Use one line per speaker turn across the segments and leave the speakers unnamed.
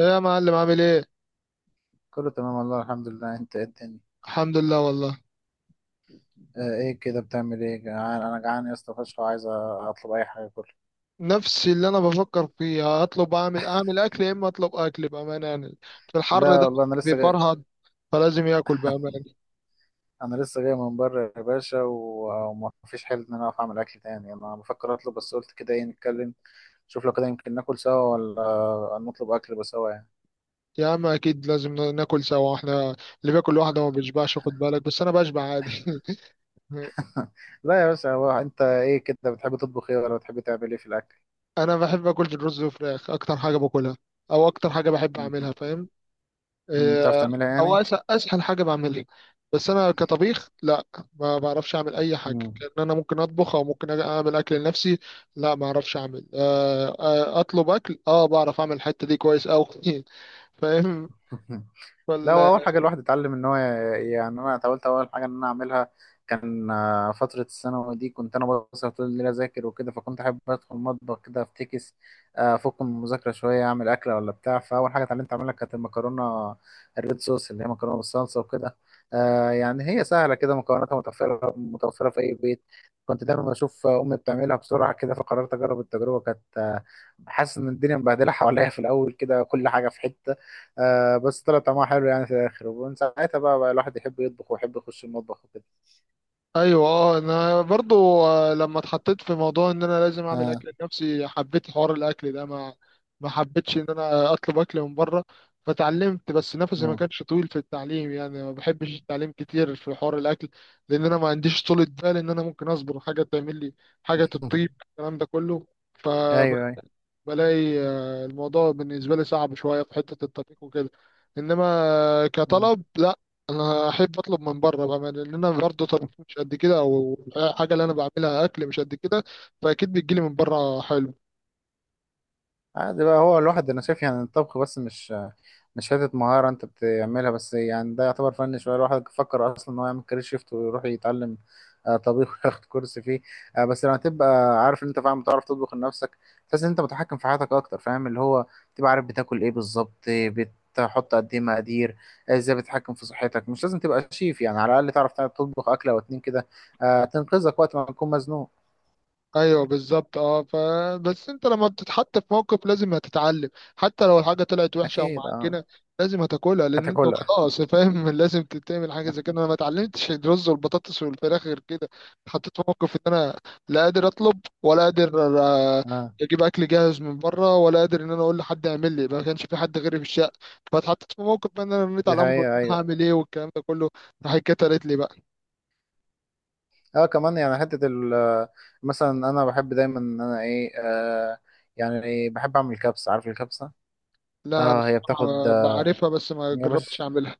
ايه يا معلم عامل ايه؟
كله تمام والله الحمد لله. انت ايه الدنيا؟
الحمد لله والله.
اه، ايه كده بتعمل ايه؟ جعان، انا جعان يا اسطى فشخ وعايز اطلب اي حاجه كله.
نفس اللي انا بفكر فيه، اطلب اعمل اكل، يا اما اطلب اكل بامانه يعني. في الحر
لا
ده؟
والله انا لسه جاي.
بيفرهد، فلازم ياكل بامانه.
انا لسه جاي من بره يا باشا وما فيش حل ان انا اقف اعمل اكل تاني، انا بفكر اطلب، بس قلت كده ايه نتكلم. شوف لو كده يمكن ناكل سوا ولا نطلب اكل بس سوا يعني.
يا عم اكيد لازم ناكل سوا احنا. اللي بياكل لوحده ما بيشبعش، خد بالك، بس انا بشبع عادي.
لا يا باشا، هو انت ايه كده بتحب تطبخ ايه ولا بتحب تعمل ايه في الاكل؟
انا بحب اكل الرز والفراخ، اكتر حاجه باكلها او اكتر حاجه بحب
بت-
اعملها، فاهم؟
بتعرف
آه.
تعملها يعني؟
او اسهل حاجه بعملها. بس انا كطبيخ لا، ما بعرفش اعمل اي حاجه،
مم.
كان انا ممكن اطبخ او ممكن اعمل اكل لنفسي. لا ما اعرفش اعمل. اطلب اكل، اه بعرف اعمل الحته دي كويس قوي. فاهم.
لا، هو اول حاجه الواحد اتعلم ان هو يعني انا حاولت اول حاجه ان انا اعملها كان فتره الثانوي دي، كنت انا بسهر طول الليل اذاكر وكده، فكنت احب ادخل المطبخ كده افتكس افك من المذاكره شويه، اعمل اكله ولا بتاع. فاول حاجه اتعلمت اعملها كانت المكرونه الريد صوص اللي هي مكرونه بالصلصه وكده. يعني هي سهله كده، مكوناتها متوفره متوفره في اي بيت. كنت دايما بشوف امي بتعملها بسرعه كده، فقررت اجرب التجربه. كانت حاسس ان الدنيا مبهدله حواليا في الاول كده، كل حاجه في حته. آه، بس طلع طعمها حلو يعني في الاخر، ومن ساعتها بقى الواحد يحب يطبخ ويحب يخش المطبخ وكده.
ايوه اه، انا برضو. لما اتحطيت في موضوع ان انا لازم اعمل
اه.
اكل لنفسي، حبيت حوار الاكل ده. ما حبيتش ان انا اطلب اكل من بره، فتعلمت، بس نفسي ما
اه.
كانش طويل في التعليم يعني، ما بحبش التعليم كتير في حوار الاكل، لان انا ما عنديش طولة بال ان انا ممكن اصبر حاجه تعمل لي حاجه تطيب، الكلام ده كله. ف
ايوه،
بلاقي الموضوع بالنسبة لي صعب شوية في حتة الطبيخ وكده، إنما،
ايوه.
كطلب لا، أنا أحب أطلب من بره بقى، لأن أنا برضه طبيخ مش قد كده، أو الحاجة اللي أنا بعملها أكل مش قد كده، فأكيد بتجيلي من بره حلو.
عادي بقى. هو الواحد انا شايف يعني الطبخ بس مش حته مهاره انت بتعملها بس، يعني ده يعتبر فن شويه. الواحد فكر اصلا ان هو يعمل كارير شيفت ويروح يتعلم طبيخ وياخد كورس فيه. بس لما تبقى عارف ان انت فعلا بتعرف تطبخ لنفسك، تحس ان انت متحكم في حياتك اكتر، فاهم؟ اللي هو تبقى عارف بتاكل ايه بالظبط، بتحط قد ايه مقادير، ازاي بتتحكم في صحتك. مش لازم تبقى شيف يعني، على الاقل تعرف تطبخ اكله او اتنين كده تنقذك وقت ما تكون مزنوق.
ايوه بالظبط اه، فبس انت لما بتتحط في موقف لازم هتتعلم، حتى لو الحاجه طلعت وحشه او
اكيد. اه.
معجنه، لازم هتاكلها لان انت
هتاكلها.
خلاص، فاهم؟ لازم تتعمل حاجه زي كده. انا ما اتعلمتش الرز والبطاطس والفراخ غير كده. اتحطيت في موقف ان انا لا قادر اطلب ولا قادر
اه.
اجيب اكل جاهز من بره، ولا قادر ان انا اقول لحد يعمل لي، ما كانش في حد غيري في الشقه، فاتحطيت في موقف بقى ان انا رميت
دي
على امر.
حقيقة، ايوه.
هعمل ايه؟ والكلام ده كله. راح اتكترت لي بقى.
اه كمان يعني حتة ال آه، مثلا انا بحب دايما ان انا ايه يعني بحب اعمل كبسة. عارف الكبسة؟
لا
اه، هي بتاخد
بصراحه بعرفها بس ما
يا
جربتش
باشا،
اعملها.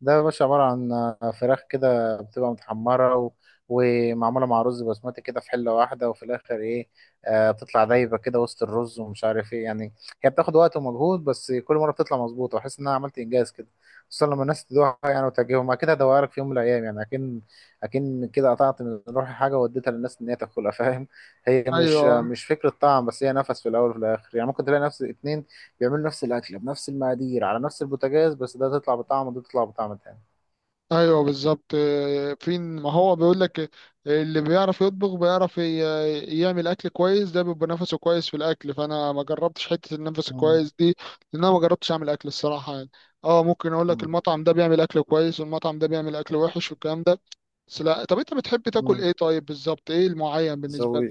ده يا باشا عبارة عن فراخ كده بتبقى متحمرة ومعمولة مع رز بسمتي كده في حلة واحدة، وفي الآخر إيه، آه بتطلع دايبة كده وسط الرز ومش عارف إيه يعني. هي بتاخد وقت ومجهود، بس كل مرة بتطلع مظبوطة وأحس إن أنا عملت إنجاز كده، خصوصا لما الناس تدوقها يعني وتعجبهم. أكيد هدوقها لك في يوم من الأيام يعني. أكن كده قطعت من روحي حاجة واديتها للناس إن هي تاكلها، فاهم؟ هي مش
ايوه
مش فكرة طعم بس، هي نفس في الأول وفي الآخر. يعني ممكن تلاقي نفس اتنين بيعملوا نفس الأكلة بنفس المقادير على نفس البوتاجاز، بس ده تطلع بطعم وده تطلع بطعم تاني.
ايوه بالظبط، فين ما هو بيقول لك، اللي بيعرف يطبخ بيعرف يعمل اكل كويس، ده بيبقى نفسه كويس في الاكل، فانا ما جربتش حته النفس
مم.
الكويس دي، لان انا ما جربتش اعمل اكل الصراحه يعني. اه، ممكن اقول لك
مم.
المطعم ده بيعمل اكل كويس والمطعم ده بيعمل اكل وحش والكلام ده، بس لا. طب انت بتحب تاكل
مم.
ايه؟ طيب بالظبط ايه المعين بالنسبه لك؟
زوي.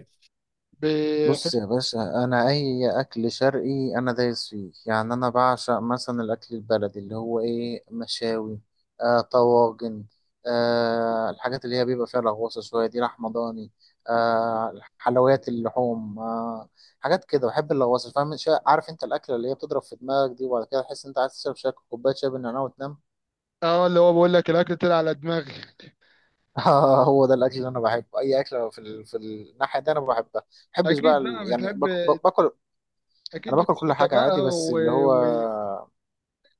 بحب.
بص يا باشا، أنا أي أكل شرقي أنا دايس فيه، يعني أنا بعشق مثلا الأكل البلدي اللي هو إيه، مشاوي، آه طواجن، آه الحاجات اللي هي بيبقى فيها لغوصة شوية دي، لحمة ضاني، آه حلويات اللحوم، آه حاجات كده بحب اللغوصة، فاهم؟ عارف أنت الأكلة اللي هي بتضرب في دماغك دي، وبعد كده تحس أنت عايز تشرب شاي، كوباية شاي بالنعناع وتنام.
اه اللي هو بقول لك الاكل طلع على دماغي.
هو ده الاكل اللي انا بحبه. اي اكل في في الناحيه دي انا بحبها. ما بحبش بقى
اكيد بقى
يعني
بتحب،
باكل. انا
اكيد
باكل كل
الكفته
حاجه
بقى.
عادي، بس اللي هو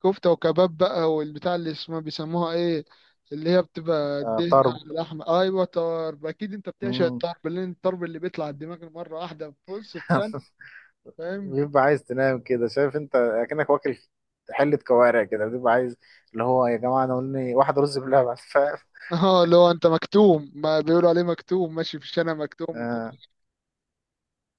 كفتة وكباب بقى، والبتاع اللي اسمها بيسموها ايه، اللي هي بتبقى
آه
دهنة
طرب.
على اللحمة، ايوه طرب. اكيد انت بتعشق
مم.
الطرب، لان الطرب اللي بيطلع الدماغ مرة واحدة، بص في ثانية، فاهم؟
بيبقى عايز تنام كده، شايف انت اكنك واكل حله كوارع كده، بيبقى عايز اللي هو يا جماعه انا قولني واحد رز بلبن. فاهم؟
اه اللي هو انت مكتوم، ما بيقولوا عليه مكتوم ماشي في الشارع مكتوم.
آه.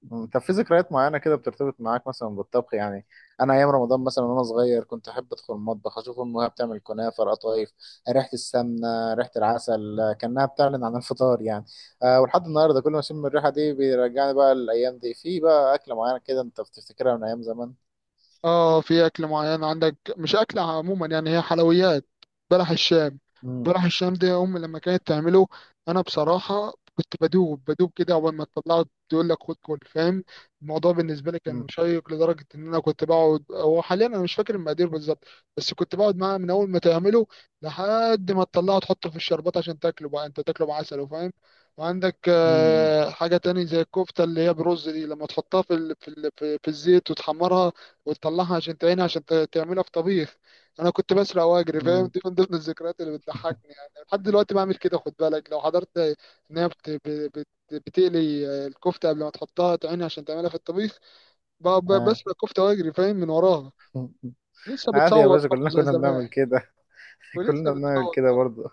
مم. طب في ذكريات معينة كده بترتبط معاك مثلا بالطبخ يعني؟ أنا أيام رمضان مثلا وأنا صغير كنت أحب أدخل المطبخ أشوف أمها بتعمل كنافة، القطايف، ريحة السمنة، ريحة العسل، كأنها بتعلن عن الفطار يعني. أه ولحد النهاردة كل ما أشم الريحة دي بيرجعني بقى للأيام دي. في بقى أكلة معينة كده أنت بتفتكرها من أيام زمان؟
اه، في اكل معين عندك مش اكل عموما يعني، هي حلويات. بلح الشام.
مم.
بلح الشام دي، امي لما كانت تعمله، انا بصراحه كنت بدوب بدوب كده. اول ما تطلعه تقول لك خد، كل، فاهم. الموضوع بالنسبه لي كان
مم.
مشيق لدرجه ان انا كنت بقعد، هو حاليا انا مش فاكر المقادير بالظبط، بس كنت بقعد معاه من اول ما تعمله لحد ما تطلعه، تحطه في الشربات عشان تاكله بقى، انت تاكله بعسل وفاهم وعندك
مم.
حاجه تاني زي الكفته اللي هي برز دي، لما تحطها في ال- في ال- في في الزيت وتحمرها وتطلعها عشان تعينها، عشان تعملها في طبيخ. انا كنت بسرق واجري، فاهم؟
مم.
دي من ضمن الذكريات اللي بتضحكني يعني، لحد دلوقتي بعمل كده. خد بالك لو حضرت ان هي بتقلي الكفته قبل ما تحطها تعينها عشان تعملها في الطبيخ،
آه.
بسرق كفته واجري، فاهم؟ من وراها. لسه
عادي يا
بتصوت
باشا،
برضه
كلنا
زي
كنا
زمان.
بنعمل كده.
ولسه
كلنا بنعمل
بتصوت
كده
برضه.
برضه.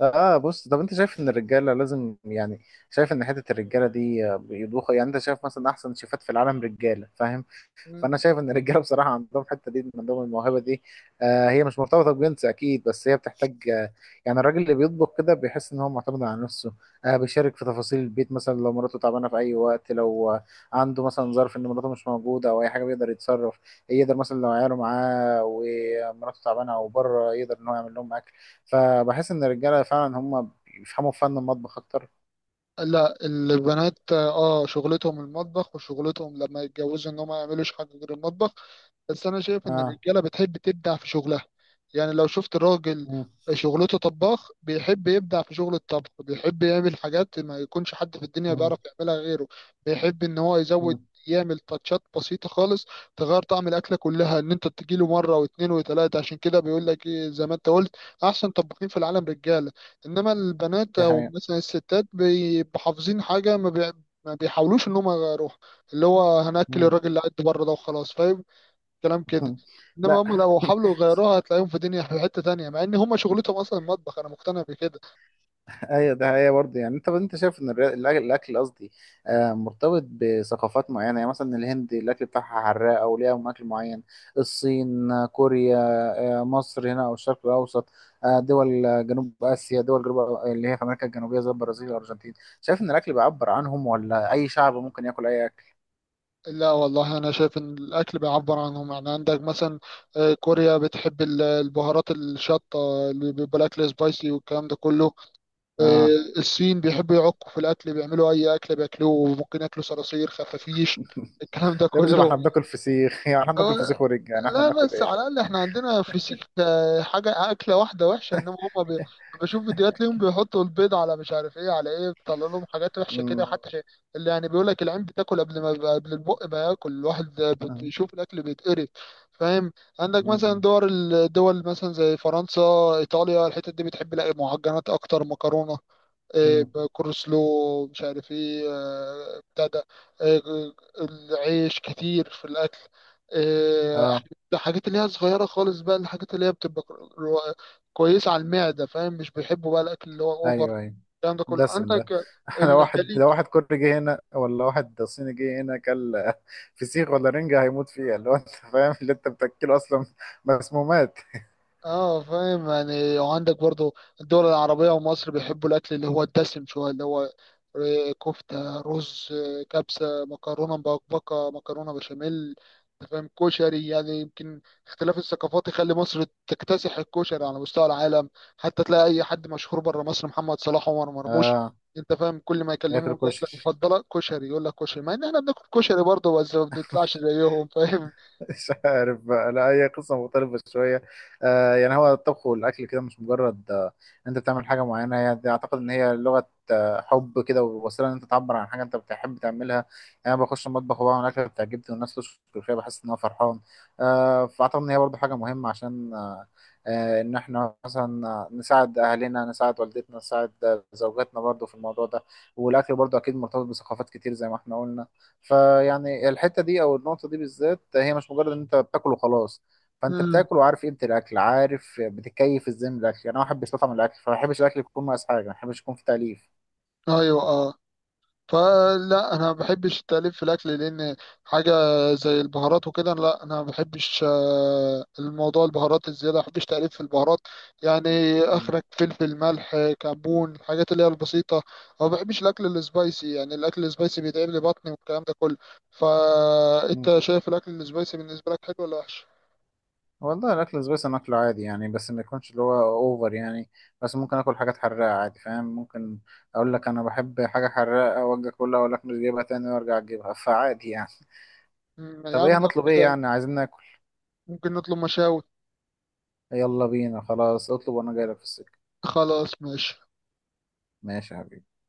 اه، بص طب انت شايف ان الرجاله لازم يعني، شايف ان حته الرجاله دي بيضوخوا يعني؟ انت شايف مثلا احسن شيفات في العالم رجاله، فاهم؟
مم.
فانا شايف ان الرجاله بصراحه عندهم الحته دي، عندهم الموهبه دي. آه هي مش مرتبطه بجنس اكيد، بس هي بتحتاج آه، يعني الراجل اللي بيطبخ كده بيحس ان هو معتمد على نفسه، آه بيشارك في تفاصيل البيت. مثلا لو مراته تعبانه في اي وقت، لو آه عنده مثلا ظرف ان مراته مش موجوده او اي حاجه، بيقدر يتصرف. يقدر مثلا لو عياله معاه ومراته تعبانه او بره، يقدر ان هو يعمل لهم اكل. فبحس ان الرجاله فعلا هم بيفهموا في فن المطبخ اكتر.
لا، البنات اه شغلتهم المطبخ، وشغلتهم لما يتجوزوا ان هم ما يعملوش حاجه غير المطبخ، بس انا شايف ان
اه.
الرجاله بتحب تبدع في شغلها. يعني لو شفت راجل
مم.
شغلته طباخ، بيحب يبدع في شغل الطبخ، بيحب يعمل حاجات ما يكونش حد في الدنيا
مم.
بيعرف يعملها غيره، بيحب ان هو يزود،
مم.
يعمل تاتشات بسيطة خالص تغير طعم الأكلة كلها، إن أنت تجيله مرة واتنين وتلاتة. عشان كده بيقول لك إيه زي ما أنت قلت، أحسن طباخين في العالم رجالة، إنما البنات
دي
أو
حقيقة.
مثلا الستات بيبقوا حافظين حاجة، ما بيحاولوش إن هم يغيروها، اللي هو هنأكل
مم.
الراجل اللي قاعد بره ده وخلاص. كلام كده. انما
لا.
هم لو حاولوا يغيروها، هتلاقيهم في دنيا في حته تانية، مع ان هم شغلتهم اصلا المطبخ. انا مقتنع بكده.
ايوه، ده هي برضه. يعني انت انت شايف ان الاكل، قصدي مرتبط بثقافات معينه؟ يعني مثلا الهند الاكل بتاعها حراق او ليها اكل معين، الصين، كوريا، مصر هنا او الشرق الاوسط، دول جنوب اسيا، دول جنوب اللي هي في امريكا الجنوبيه زي البرازيل والارجنتين. شايف ان الاكل بيعبر عنهم، ولا اي شعب ممكن ياكل اي اكل؟
لا والله، انا شايف ان الاكل بيعبر عنهم يعني. عندك مثلا، كوريا بتحب البهارات الشطه، اللي بيبقى الاكل سبايسي والكلام ده كله. آه،
اه.
الصين بيحبوا يعكوا في الاكل، بيعملوا اي اكل بياكلوه، وممكن ياكلوا صراصير، خفافيش، الكلام ده
يا باشا، ما
كله.
احنا بناكل فسيخ. يعني احنا
آه،
بناكل فسيخ ورج، يعني احنا
لا
بناكل
بس على
ايه.
الأقل احنا عندنا في سيك حاجة أكلة واحدة وحشة، إنما هما بشوف فيديوهات ليهم بيحطوا البيض على مش عارف إيه على إيه، بيطلع لهم حاجات وحشة كده
امم
حتى شيء، اللي يعني بيقول لك العين بتاكل قبل ما قبل، البق ما ياكل الواحد بيشوف الأكل بيتقرف، فاهم؟ عندك مثلا
امم
الدول مثلا زي فرنسا، إيطاليا، الحتت دي بتحب لا معجنات أكتر، مكرونة، إيه،
امم.
كورسلو مش عارف ايه بتاع ده. آه، العيش كتير في الاكل. آه،
اه.
الحاجات اللي هي صغيره خالص بقى، الحاجات اللي هي بتبقى، رو- كويسه على المعده، فاهم؟ مش بيحبوا بقى الاكل اللي هو اوفر،
ايوه، ايوه.
الكلام ده كله.
دسم ده.
عندك
لو واحد،
الخليج،
لو واحد كوري جه هنا ولا واحد صيني جه هنا كل فسيخ ولا رنجة هيموت فيها، اللي هو انت فاهم اللي انت بتاكله اصلا مسمومات.
اه فاهم يعني. وعندك برضو الدول العربية ومصر بيحبوا الأكل اللي هو الدسم شوية، اللي هو كفتة، رز، كبسة، مكرونة مبكبكة، مكرونة بشاميل، أنت فاهم كشري يعني. يمكن اختلاف الثقافات يخلي مصر تكتسح الكشري على مستوى العالم، حتى تلاقي أي حد مشهور بره مصر، محمد صلاح، عمر مرموش،
اه
أنت فاهم، كل ما يكلمه
ياكل
الأكلة
كشري.
المفضلة كشري، يقول لك كشري، مع إن إحنا بناكل كشري برضه، بس ما بنطلعش زيهم، فاهم؟
مش عارف بقى، لا هي قصة مختلفة شوية. آه يعني هو الطبخ والأكل كده مش مجرد آه أنت بتعمل حاجة معينة. هي دي أعتقد إن هي لغة آه حب كده، ووسيلة إن أنت تعبر عن حاجة أنت بتحب تعملها. يعني أنا بخش المطبخ وبعمل أكلة بتعجبني والناس تشكر فيها، بحس إن أنا فرحان. آه فأعتقد إن هي برضه حاجة مهمة عشان آه، آه إن إحنا مثلا نساعد أهلنا، نساعد والدتنا، نساعد زوجاتنا برضه في الموضوع ده. والأكل برضه أكيد مرتبط بثقافات كتير زي ما إحنا قلنا. فيعني الحته دي او النقطه دي بالذات هي مش مجرد ان انت بتاكل وخلاص. فانت
مم.
بتاكل وعارف قيمه الاكل، عارف بتكيف ازاي من الاكل. يعني انا واحد بيستطعم الاكل، فما بحبش الاكل يكون مقاس حاجه، ما بحبش يكون في تاليف.
أيوه أه. فلا انا ما بحبش التأليف في الاكل، لان حاجه زي البهارات وكده، لا انا ما بحبش الموضوع، البهارات الزياده ما بحبش تأليف في البهارات، يعني
مم.
اخرك فلفل، ملح، كمون، الحاجات اللي هي البسيطه، أو ما بحبش الاكل السبايسي، يعني الاكل السبايسي بيتعب لي بطني والكلام ده كله.
مم.
فانت شايف الاكل السبايسي بالنسبه لك حلو ولا وحش؟
والله الاكل السبايسي اكله عادي يعني، بس ما يكونش اللي هو اوفر يعني. بس ممكن اكل حاجات حراقه عادي، فاهم. ممكن اقول لك انا بحب حاجه حراقه واجي اكلها، اقول لك مش جايبها تاني وارجع اجيبها. فعادي يعني.
يا
طب
عم
ايه
لو
هنطلب؟ ايه
كده،
يعني عايزين ناكل؟
ممكن نطلب مشاوي.
يلا بينا، خلاص اطلب وانا جاي لك في السكه.
خلاص ماشي.
ماشي يا حبيبي.